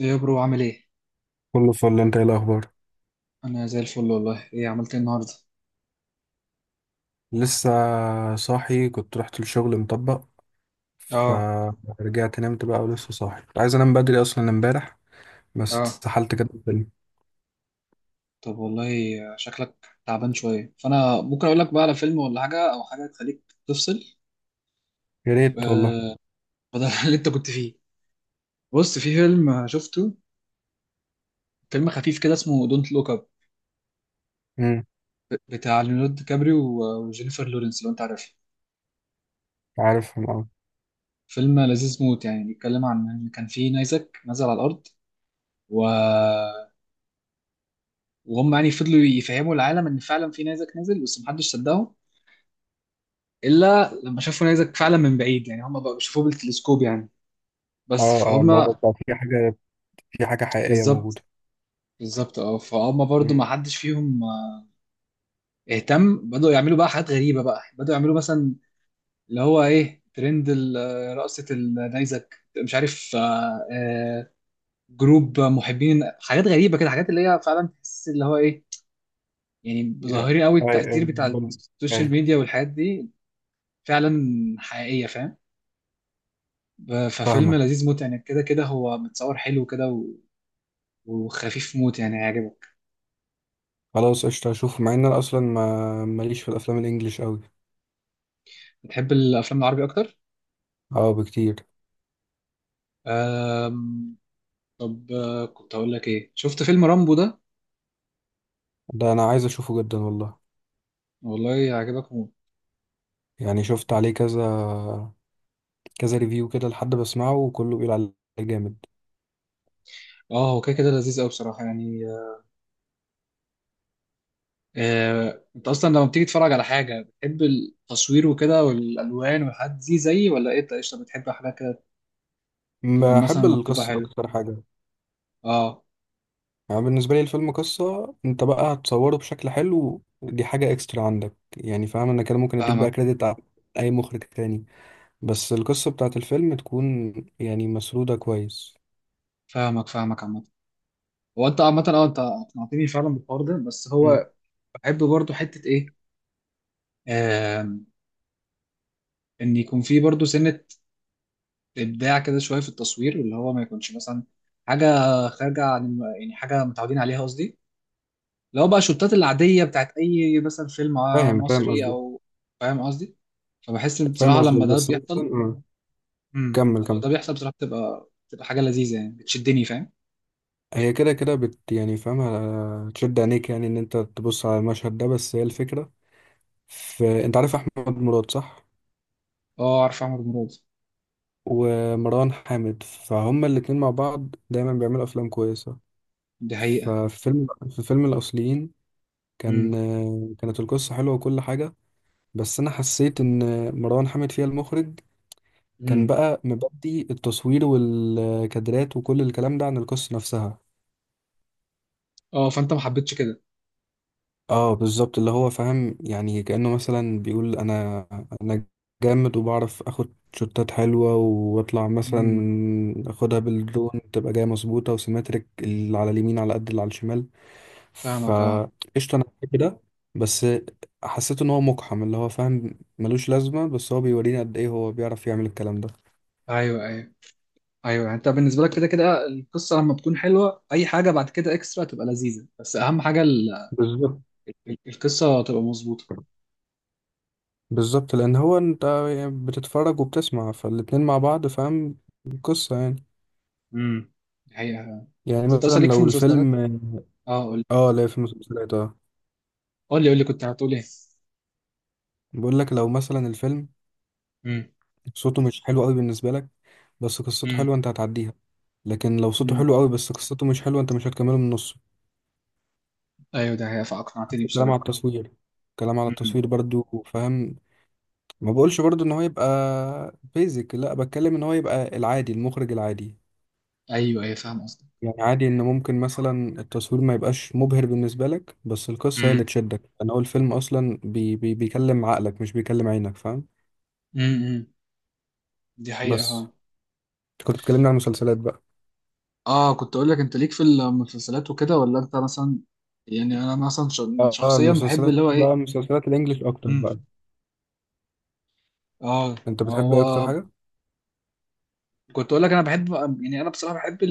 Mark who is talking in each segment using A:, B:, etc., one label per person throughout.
A: ايه يا برو، عامل ايه؟
B: كله فل. انت ايه الاخبار؟
A: انا زي الفل والله. ايه عملت ايه النهارده؟
B: لسه صاحي، كنت رحت الشغل مطبق،
A: اه.
B: فرجعت نمت بقى. ولسه صاحي، كنت عايز انام بدري اصلا امبارح بس
A: اه.
B: اتسحلت كده في الفيلم.
A: طب والله، شكلك تعبان شوية، فانا ممكن اقول لك بقى على فيلم ولا حاجة، او حاجة تخليك تفصل.
B: يا ريت والله.
A: آه، بدل اللي انت كنت فيه. بص، في فيلم شفته، فيلم خفيف كده اسمه دونت لوك اب،
B: امم.
A: بتاع ليوناردو دي كابريو وجينيفر لورنس، لو انت عارفها.
B: عارفهم اه.
A: فيلم لذيذ موت يعني، بيتكلم عن ان كان في نيزك نزل على الارض و... وهم يعني فضلوا يفهموا العالم ان فعلا في نيزك نزل، بس محدش صدقهم الا لما شافوا نيزك فعلا من بعيد، يعني هم بقى بيشوفوه بالتلسكوب يعني.
B: اه
A: بس
B: اه،
A: فهم.
B: اللي هو بقى في حاجه، في حاجه حقيقيه موجوده.
A: بالظبط. بالظبط، اه، فهم برضو ما
B: امم.
A: حدش فيهم اهتم، بدأوا يعملوا بقى حاجات غريبة، بقى بدأوا يعملوا مثلا اللي هو ايه، ترند رقصة النيزك، مش عارف، جروب محبين حاجات غريبة كده، حاجات اللي هي فعلا تحس اللي هو ايه، يعني
B: يا-
A: ظاهرين قوي
B: اي اي
A: التأثير بتاع
B: بم-
A: السوشيال
B: اي.
A: ميديا والحاجات دي، فعلا حقيقية، فاهم. ففيلم
B: فاهمك.
A: لذيذ موت يعني، كده كده هو متصور حلو كده، وخفيف موت يعني، هيعجبك.
B: خلاص قشطه، اشوفه مع ان انا اصلا ما ماليش في الافلام الانجليش قوي.
A: بتحب الافلام العربي اكتر.
B: اه بكتير.
A: أم... طب كنت اقول لك ايه، شفت فيلم رامبو ده؟
B: ده انا عايز اشوفه جدا والله.
A: والله هيعجبك موت.
B: يعني شفت عليه كذا ريفيو كده، لحد بسمعه وكله بيقول عليه جامد.
A: اه، هو كده كده لذيذ قوي بصراحه يعني. انت اصلا لما بتيجي تتفرج على حاجه بتحب التصوير وكده والالوان والحاجات دي زيي، ولا ايه؟ انت قشطه بتحب حاجات كده تكون مثلا
B: بحب
A: مكتوبه
B: القصة
A: حلو.
B: أكتر حاجة.
A: اه.
B: يعني بالنسبة لي الفيلم قصة، أنت بقى هتصوره بشكل حلو دي حاجة إكسترا عندك، يعني فاهم؟ أنا كده ممكن أديك
A: فاهمك،
B: بقى كريدت على أي مخرج تاني، بس القصة بتاعت الفيلم تكون، يعني مسرودة كويس.
A: فاهمك، فاهمك عامه. هو انت عامه، اه، انت اقنعتني فعلا بالحوار ده، بس
B: مم.
A: هو بحب برضو حته ايه، آم، ان يكون في برضو سنه ابداع كده شويه في التصوير، اللي هو ما يكونش مثلا حاجه خارجه عن يعني حاجه متعودين عليها قصدي، اللي هو بقى الشوتات العاديه بتاعت اي مثلا فيلم
B: فاهم فاهم
A: مصري
B: قصدك.
A: او، فاهم قصدي. فبحس ان
B: فاهم
A: بصراحه
B: قصدك، بس مثلا كمل
A: لما
B: كمل.
A: ده بيحصل بصراحه بتبقى حاجه لذيذه يعني، بتشدني فاهم.
B: هي كده كده يعني فاهمة تشد عينيك، يعني إن أنت تبص على المشهد ده، بس هي الفكرة في، أنت عارف أحمد مراد صح؟
A: اه، عارف عمر مراد.
B: ومروان حامد، فهم الاتنين مع بعض دايما بيعملوا افلام كويسه.
A: دي حقيقه.
B: ففي فيلم الاصليين كان،
A: امم
B: كانت القصه حلوه وكل حاجه، بس انا حسيت ان مروان حامد فيها المخرج كان
A: امم
B: بقى مبدي التصوير والكادرات وكل الكلام ده عن القصه نفسها.
A: اه، فانت ما حبيتش كده.
B: اه بالظبط، اللي هو فاهم يعني، كأنه مثلا بيقول انا، انا جامد وبعرف اخد شوتات حلوة واطلع، مثلا
A: امم
B: اخدها بالدرون تبقى جاية مظبوطة وسيمتريك، اللي على اليمين على قد اللي على الشمال.
A: فاهمك، اه،
B: فقشطة انا بحب ده، بس حسيت ان هو مقحم، اللي هو فاهم ملوش لازمة، بس هو بيورينا قد ايه هو بيعرف يعمل الكلام ده.
A: ايوه ايوه. ايوه، يعني انت بالنسبه لك كده كده القصه لما بتكون حلوه، اي حاجه بعد كده اكسترا تبقى لذيذه، بس اهم حاجه
B: بالظبط
A: القصة تبقى مظبوطة.
B: بالظبط، لان هو انت بتتفرج وبتسمع، فالاتنين مع بعض فاهم، قصة يعني.
A: امم الحقيقة.
B: يعني
A: بس انت اصلا
B: مثلا
A: ليك في
B: لو
A: المسلسلات؟
B: الفيلم،
A: اه، قول لي،
B: اه لا في مسلسلات اه.
A: قول لي. قول لي كنت هتقول ايه.
B: بقول لك لو مثلا الفيلم
A: امم
B: صوته مش حلو قوي بالنسبه لك بس قصته
A: امم
B: حلوه، انت هتعديها. لكن لو صوته
A: امم،
B: حلو قوي بس قصته مش حلوه، انت مش هتكمله من نصه.
A: ايوه، ده هي فاقنعتني
B: نفس الكلام على
A: بصراحة.
B: التصوير، الكلام على
A: امم،
B: التصوير برضو فاهم. ما بقولش برضو ان هو يبقى بيزك، لا بتكلم ان هو يبقى العادي، المخرج العادي.
A: ايوه ايوه، فاهم قصدك.
B: يعني عادي ان ممكن مثلا التصوير ما يبقاش مبهر بالنسبه لك، بس القصه هي
A: امم
B: اللي تشدك. انا هو الفيلم اصلا بي بيكلم عقلك مش بيكلم عينك فاهم.
A: امم دي حقيقة،
B: بس
A: اه.
B: كنت بتكلمني عن المسلسلات بقى.
A: اه، كنت اقول لك انت ليك في المسلسلات وكده، ولا انت مثلا، يعني انا مثلا
B: اه
A: شخصيا بحب
B: المسلسلات
A: اللي هو
B: بقى،
A: ايه،
B: مسلسلات الانجليش اكتر
A: امم،
B: بقى.
A: اه،
B: انت
A: ما
B: بتحب
A: هو
B: ايه اكتر حاجه؟
A: كنت اقول لك انا بحب، يعني انا بصراحة بحب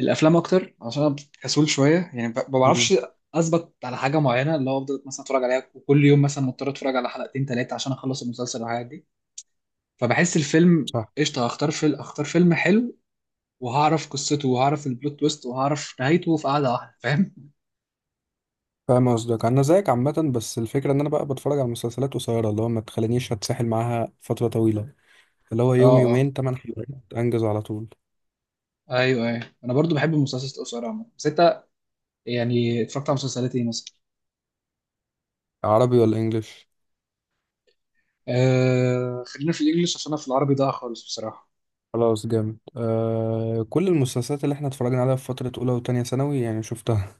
A: الافلام اكتر عشان انا كسول شويه يعني، ما
B: مم.
A: بعرفش اثبت على حاجه معينه، اللي هو افضل مثلا اتفرج عليها وكل يوم مثلا مضطر اتفرج على حلقتين ثلاثه عشان اخلص المسلسل والحاجات دي، فبحس الفيلم
B: صح.
A: قشطه، هختار فيلم، اختار فيلم حلو وهعرف قصته وهعرف البلوت تويست وهعرف نهايته في قعده واحده، فاهم؟
B: فاهم قصدك. انا زيك عامه، بس الفكره ان انا بقى بتفرج على مسلسلات قصيره، اللي هو ما تخلينيش اتسحل معاها فتره طويله، اللي هو
A: اه،
B: يوم
A: اه.
B: يومين، 8 حلقات، انجز على طول.
A: ايوه ايوه، انا برضو بحب المسلسلات القصيره عموما، بس انت يعني اتفرجت على مسلسلات ايه مثلا؟
B: عربي ولا انجليش؟
A: خلينا في الانجليش، عشان انا في العربي ضايع خالص بصراحه.
B: خلاص جامد. كل المسلسلات اللي احنا اتفرجنا عليها في فتره اولى وتانية ثانوي يعني شفتها.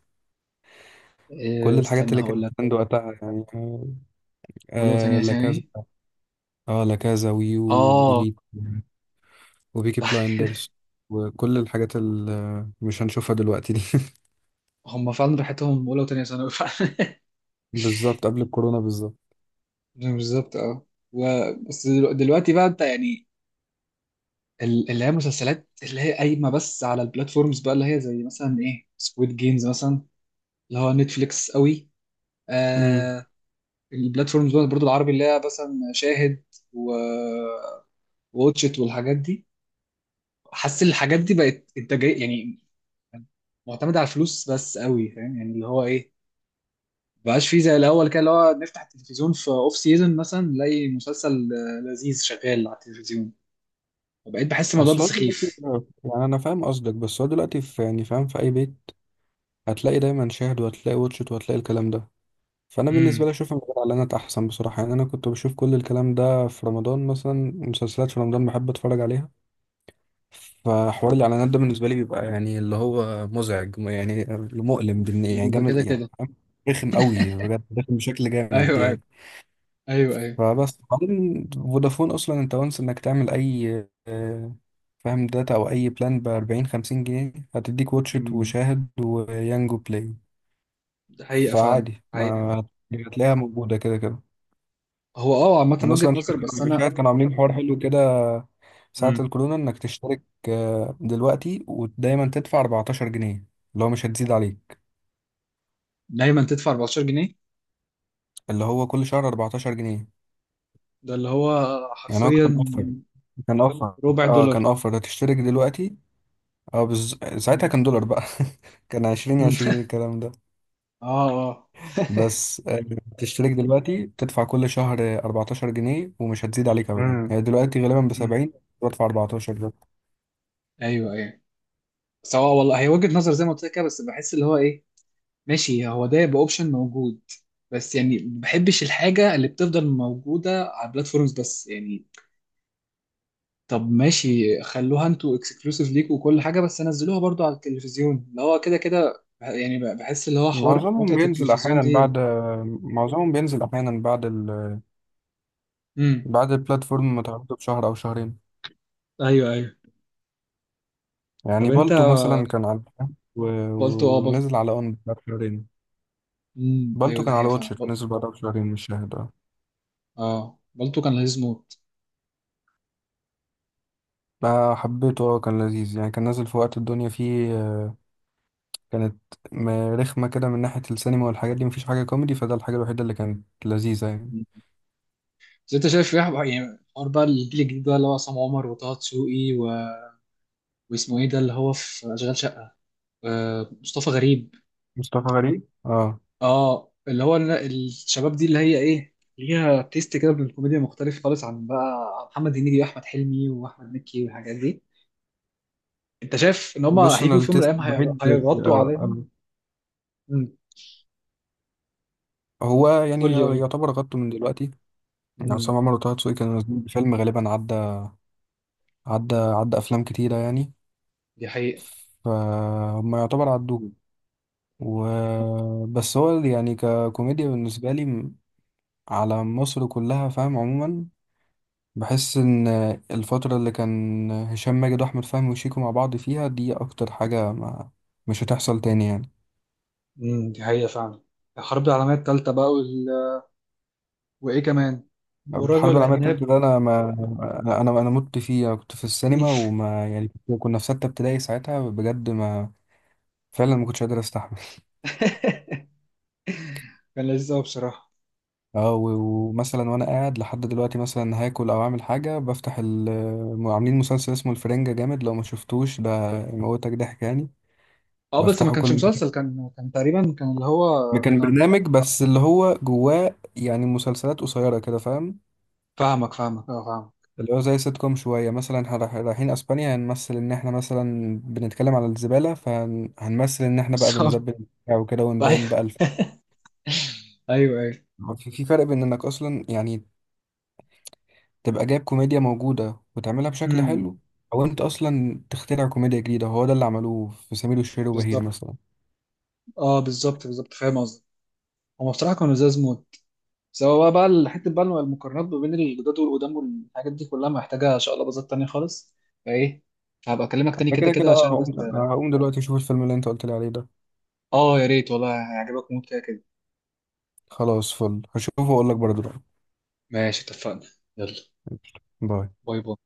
B: كل الحاجات
A: استنى
B: اللي
A: هقول
B: كانت
A: لك.
B: عند وقتها يعني.
A: ولو تانية
B: لا كذا.
A: ثاني،
B: اه لا كذا، ويو،
A: اه.
B: وإليت، وبيكي بلايندرز، وكل الحاجات اللي مش هنشوفها دلوقتي دي.
A: هم فعلا راحتهم اولى وتانية ثانوي فعلا.
B: بالظبط، قبل الكورونا بالظبط.
A: بالظبط، اه. و... بس دلوقتي بقى انت يعني اللي هي مسلسلات اللي هي قايمه بس على البلاتفورمز بقى، اللي هي زي مثلا ايه، سكويد جيمز مثلا اللي هو نتفليكس قوي.
B: امم.
A: آه البلاتفورمز بقى برضو العربي اللي هي مثلا شاهد و واتشت والحاجات دي. حاسس ان الحاجات دي بقت انتاجيه يعني، معتمده على الفلوس بس قوي، فاهم يعني اللي هو ايه، مبقاش فيه زي الاول كده اللي هو نفتح التلفزيون في اوف سيزون مثلا نلاقي مسلسل لذيذ شغال على التلفزيون، وبقيت بحس الموضوع ده
B: اصل هو دلوقتي،
A: سخيف.
B: يعني انا فاهم قصدك، بس هو دلوقتي في، يعني فاهم، في اي بيت هتلاقي دايما شاهد، وهتلاقي واتشت، وهتلاقي الكلام ده. فانا بالنسبه
A: امم
B: لي اشوف من غير اعلانات احسن بصراحه. يعني انا كنت بشوف كل الكلام ده في رمضان، مثلا مسلسلات في رمضان بحب اتفرج عليها. فحوار الاعلانات ده بالنسبه لي بيبقى يعني اللي هو مزعج يعني، مؤلم يعني
A: ده
B: جامد،
A: كده
B: يعني
A: كده.
B: فاهم؟ رخم قوي بجد، رخم بشكل جامد
A: ايوه ايوه،
B: يعني.
A: ايوه ايوه.
B: فبس بعدين فودافون اصلا انت وانس انك تعمل اي آه، فاهم داتا او اي بلان ب 40 50 جنيه هتديك واتشت
A: أمم،
B: وشاهد ويانجو بلاي.
A: ده حقيقه فعلا،
B: فعادي ما
A: حقيقه.
B: هتلاقيها موجوده كده كده.
A: هو، اه، عامه
B: انا
A: وجهه
B: اصلا
A: نظر، بس
B: شاهد
A: انا.
B: شاهد كانوا عاملين حوار حلو كده ساعه
A: أمم،
B: الكورونا، انك تشترك دلوقتي ودايما تدفع 14 جنيه اللي هو مش هتزيد عليك،
A: دايما تدفع 14 جنيه.
B: اللي هو كل شهر 14 جنيه.
A: ده اللي هو
B: يعني هو كان
A: حرفيا
B: اوفر، كان اوفر.
A: ربع
B: اه كان
A: دولار.
B: اوفر. هتشترك دلوقتي، ساعتها
A: أمم،
B: كان دولار بقى. كان عشرين،
A: أمم.
B: عشرين الكلام ده.
A: اه، اه.
B: بس تشترك دلوقتي تدفع كل شهر 14 جنيه ومش هتزيد عليك أبدا.
A: أمم،
B: هي دلوقتي غالبا
A: أمم.
B: بـ70، بدفع 14 ده.
A: ايوه ايوه. بس هو والله هي وجهه نظر زي ما قلت لك كده، بس بحس اللي هو ايه، ماشي، هو ده يبقى اوبشن موجود، بس يعني ما بحبش الحاجه اللي بتفضل موجوده على البلاتفورمز بس يعني. طب ماشي، خلوها انتوا اكسكلوسيف ليكوا وكل حاجه، بس نزلوها برضو على التلفزيون، اللي هو كده كده بحس اللي هو حوار
B: معظمهم
A: متعه
B: بينزل
A: التلفزيون
B: أحيانا
A: دي.
B: بعد معظمهم بينزل أحيانا بعد
A: امم،
B: بعد البلاتفورم ما تعرضه بشهر أو شهرين.
A: ايوه ايوه. طب
B: يعني
A: انت
B: بالتو مثلا كان على، و...
A: بلطو، اه، بلطو.
B: ونزل على أون بعد شهرين.
A: امم،
B: بالتو
A: ايوه، ده
B: كان
A: حقيقه
B: على
A: فعلا،
B: واتشت ونزل بعدها بشهرين، مش شاهد اه.
A: اه، بلطو كان لذيذ موت.
B: حبيته اه، كان لذيذ يعني، كان نازل في وقت الدنيا فيه، كانت رخمة كده من ناحية السينما والحاجات دي، مفيش حاجة كوميدي، فده الحاجة الوحيدة اللي كانت لذيذة يعني.
A: مم. بس انت شايف ايه، يعني حوار بقى الجيل الجديد بقى، اللي هو عصام عمر وطه دسوقي واسمه ايه ده اللي هو في اشغال شقه، مصطفى غريب.
B: مصطفى غريب اه.
A: اه، اللي هو الشباب دي، اللي هي ايه، ليها تيست كده من الكوميديا مختلف خالص عن بقى عن محمد هنيدي واحمد حلمي واحمد مكي والحاجات دي. انت شايف ان هم
B: بص، انا
A: هيجوا في يوم من
B: التيست
A: الايام
B: الوحيد
A: هيغطوا
B: آه،
A: عليهم؟
B: آه،
A: امم
B: هو يعني
A: قول لي، قول لي.
B: يعتبر غطه من دلوقتي. يعني
A: امم
B: عصام عمر وطه دسوقي كانوا نازلين بفيلم غالبا، عدى عدى افلام كتيرة يعني.
A: دي حقيقة.
B: فهم يعتبر عدوه. و بس هو يعني ككوميديا بالنسبة لي، على مصر كلها فاهم عموما، بحس ان الفترة اللي كان هشام ماجد واحمد فهمي وشيكو مع بعض فيها دي اكتر حاجة ما، مش هتحصل تاني يعني.
A: دي حقيقة فعلا. الحرب العالمية الثالثة بقى وايه كمان؟
B: الحرب
A: ورجل
B: العالمية بجد التالتة
A: عناب.
B: ده، انا ما والله، انا انا أنا مت فيها. كنت في السينما، وما يعني كنا في 6 ابتدائي ساعتها بجد، ما فعلا ما كنتش قادر استحمل.
A: كان لذيذ قوي بصراحة.
B: ومثلا وانا قاعد لحد دلوقتي، مثلا هاكل او اعمل حاجة بفتح ال، عاملين مسلسل اسمه الفرنجة جامد، لو ما شفتوش ده يموتك ضحك يعني.
A: اه، بس ما
B: بفتحه
A: كانش
B: كل
A: مسلسل، كان تقريبا، كان اللي هو.
B: ما، كان برنامج بس اللي هو جواه يعني مسلسلات قصيرة كده فاهم،
A: فاهمك، فاهمك، اه، فاهمك.
B: اللي هو زي سيت كوم شوية. مثلا رايحين أسبانيا، هنمثل إن إحنا مثلا بنتكلم على الزبالة، فهنمثل إن إحنا بقى
A: بالظبط.
B: بنزبل وبتاع وكده ونبين بقى
A: أيوة. ايوه ايوه.
B: في فرق بين إنك أصلا يعني تبقى جايب كوميديا موجودة وتعملها بشكل
A: امم
B: حلو، أو أنت أصلا تخترع كوميديا جديدة. هو ده اللي عملوه في سمير وشهير وبهير
A: بالظبط،
B: مثلا.
A: اه، بالظبط بالظبط فاهم قصدي. هم بصراحه كانوا لزاز موت، سواء بقى الحته بقى المقارنات ما بين الجداد والقدام والحاجات دي كلها، محتاجه ان شاء الله بازات تانية خالص. فايه، هبقى اكلمك تاني
B: أنا
A: كده
B: كده
A: كده
B: كده
A: عشان بس.
B: هقوم دلوقتي أشوف الفيلم اللي أنت قلت لي عليه ده.
A: اه، يا ريت والله، هيعجبك موت كده كده.
B: خلاص فل، هشوفه وأقول لك برضه رأيي.
A: ماشي، اتفقنا. يلا.
B: باي.
A: باي، باي.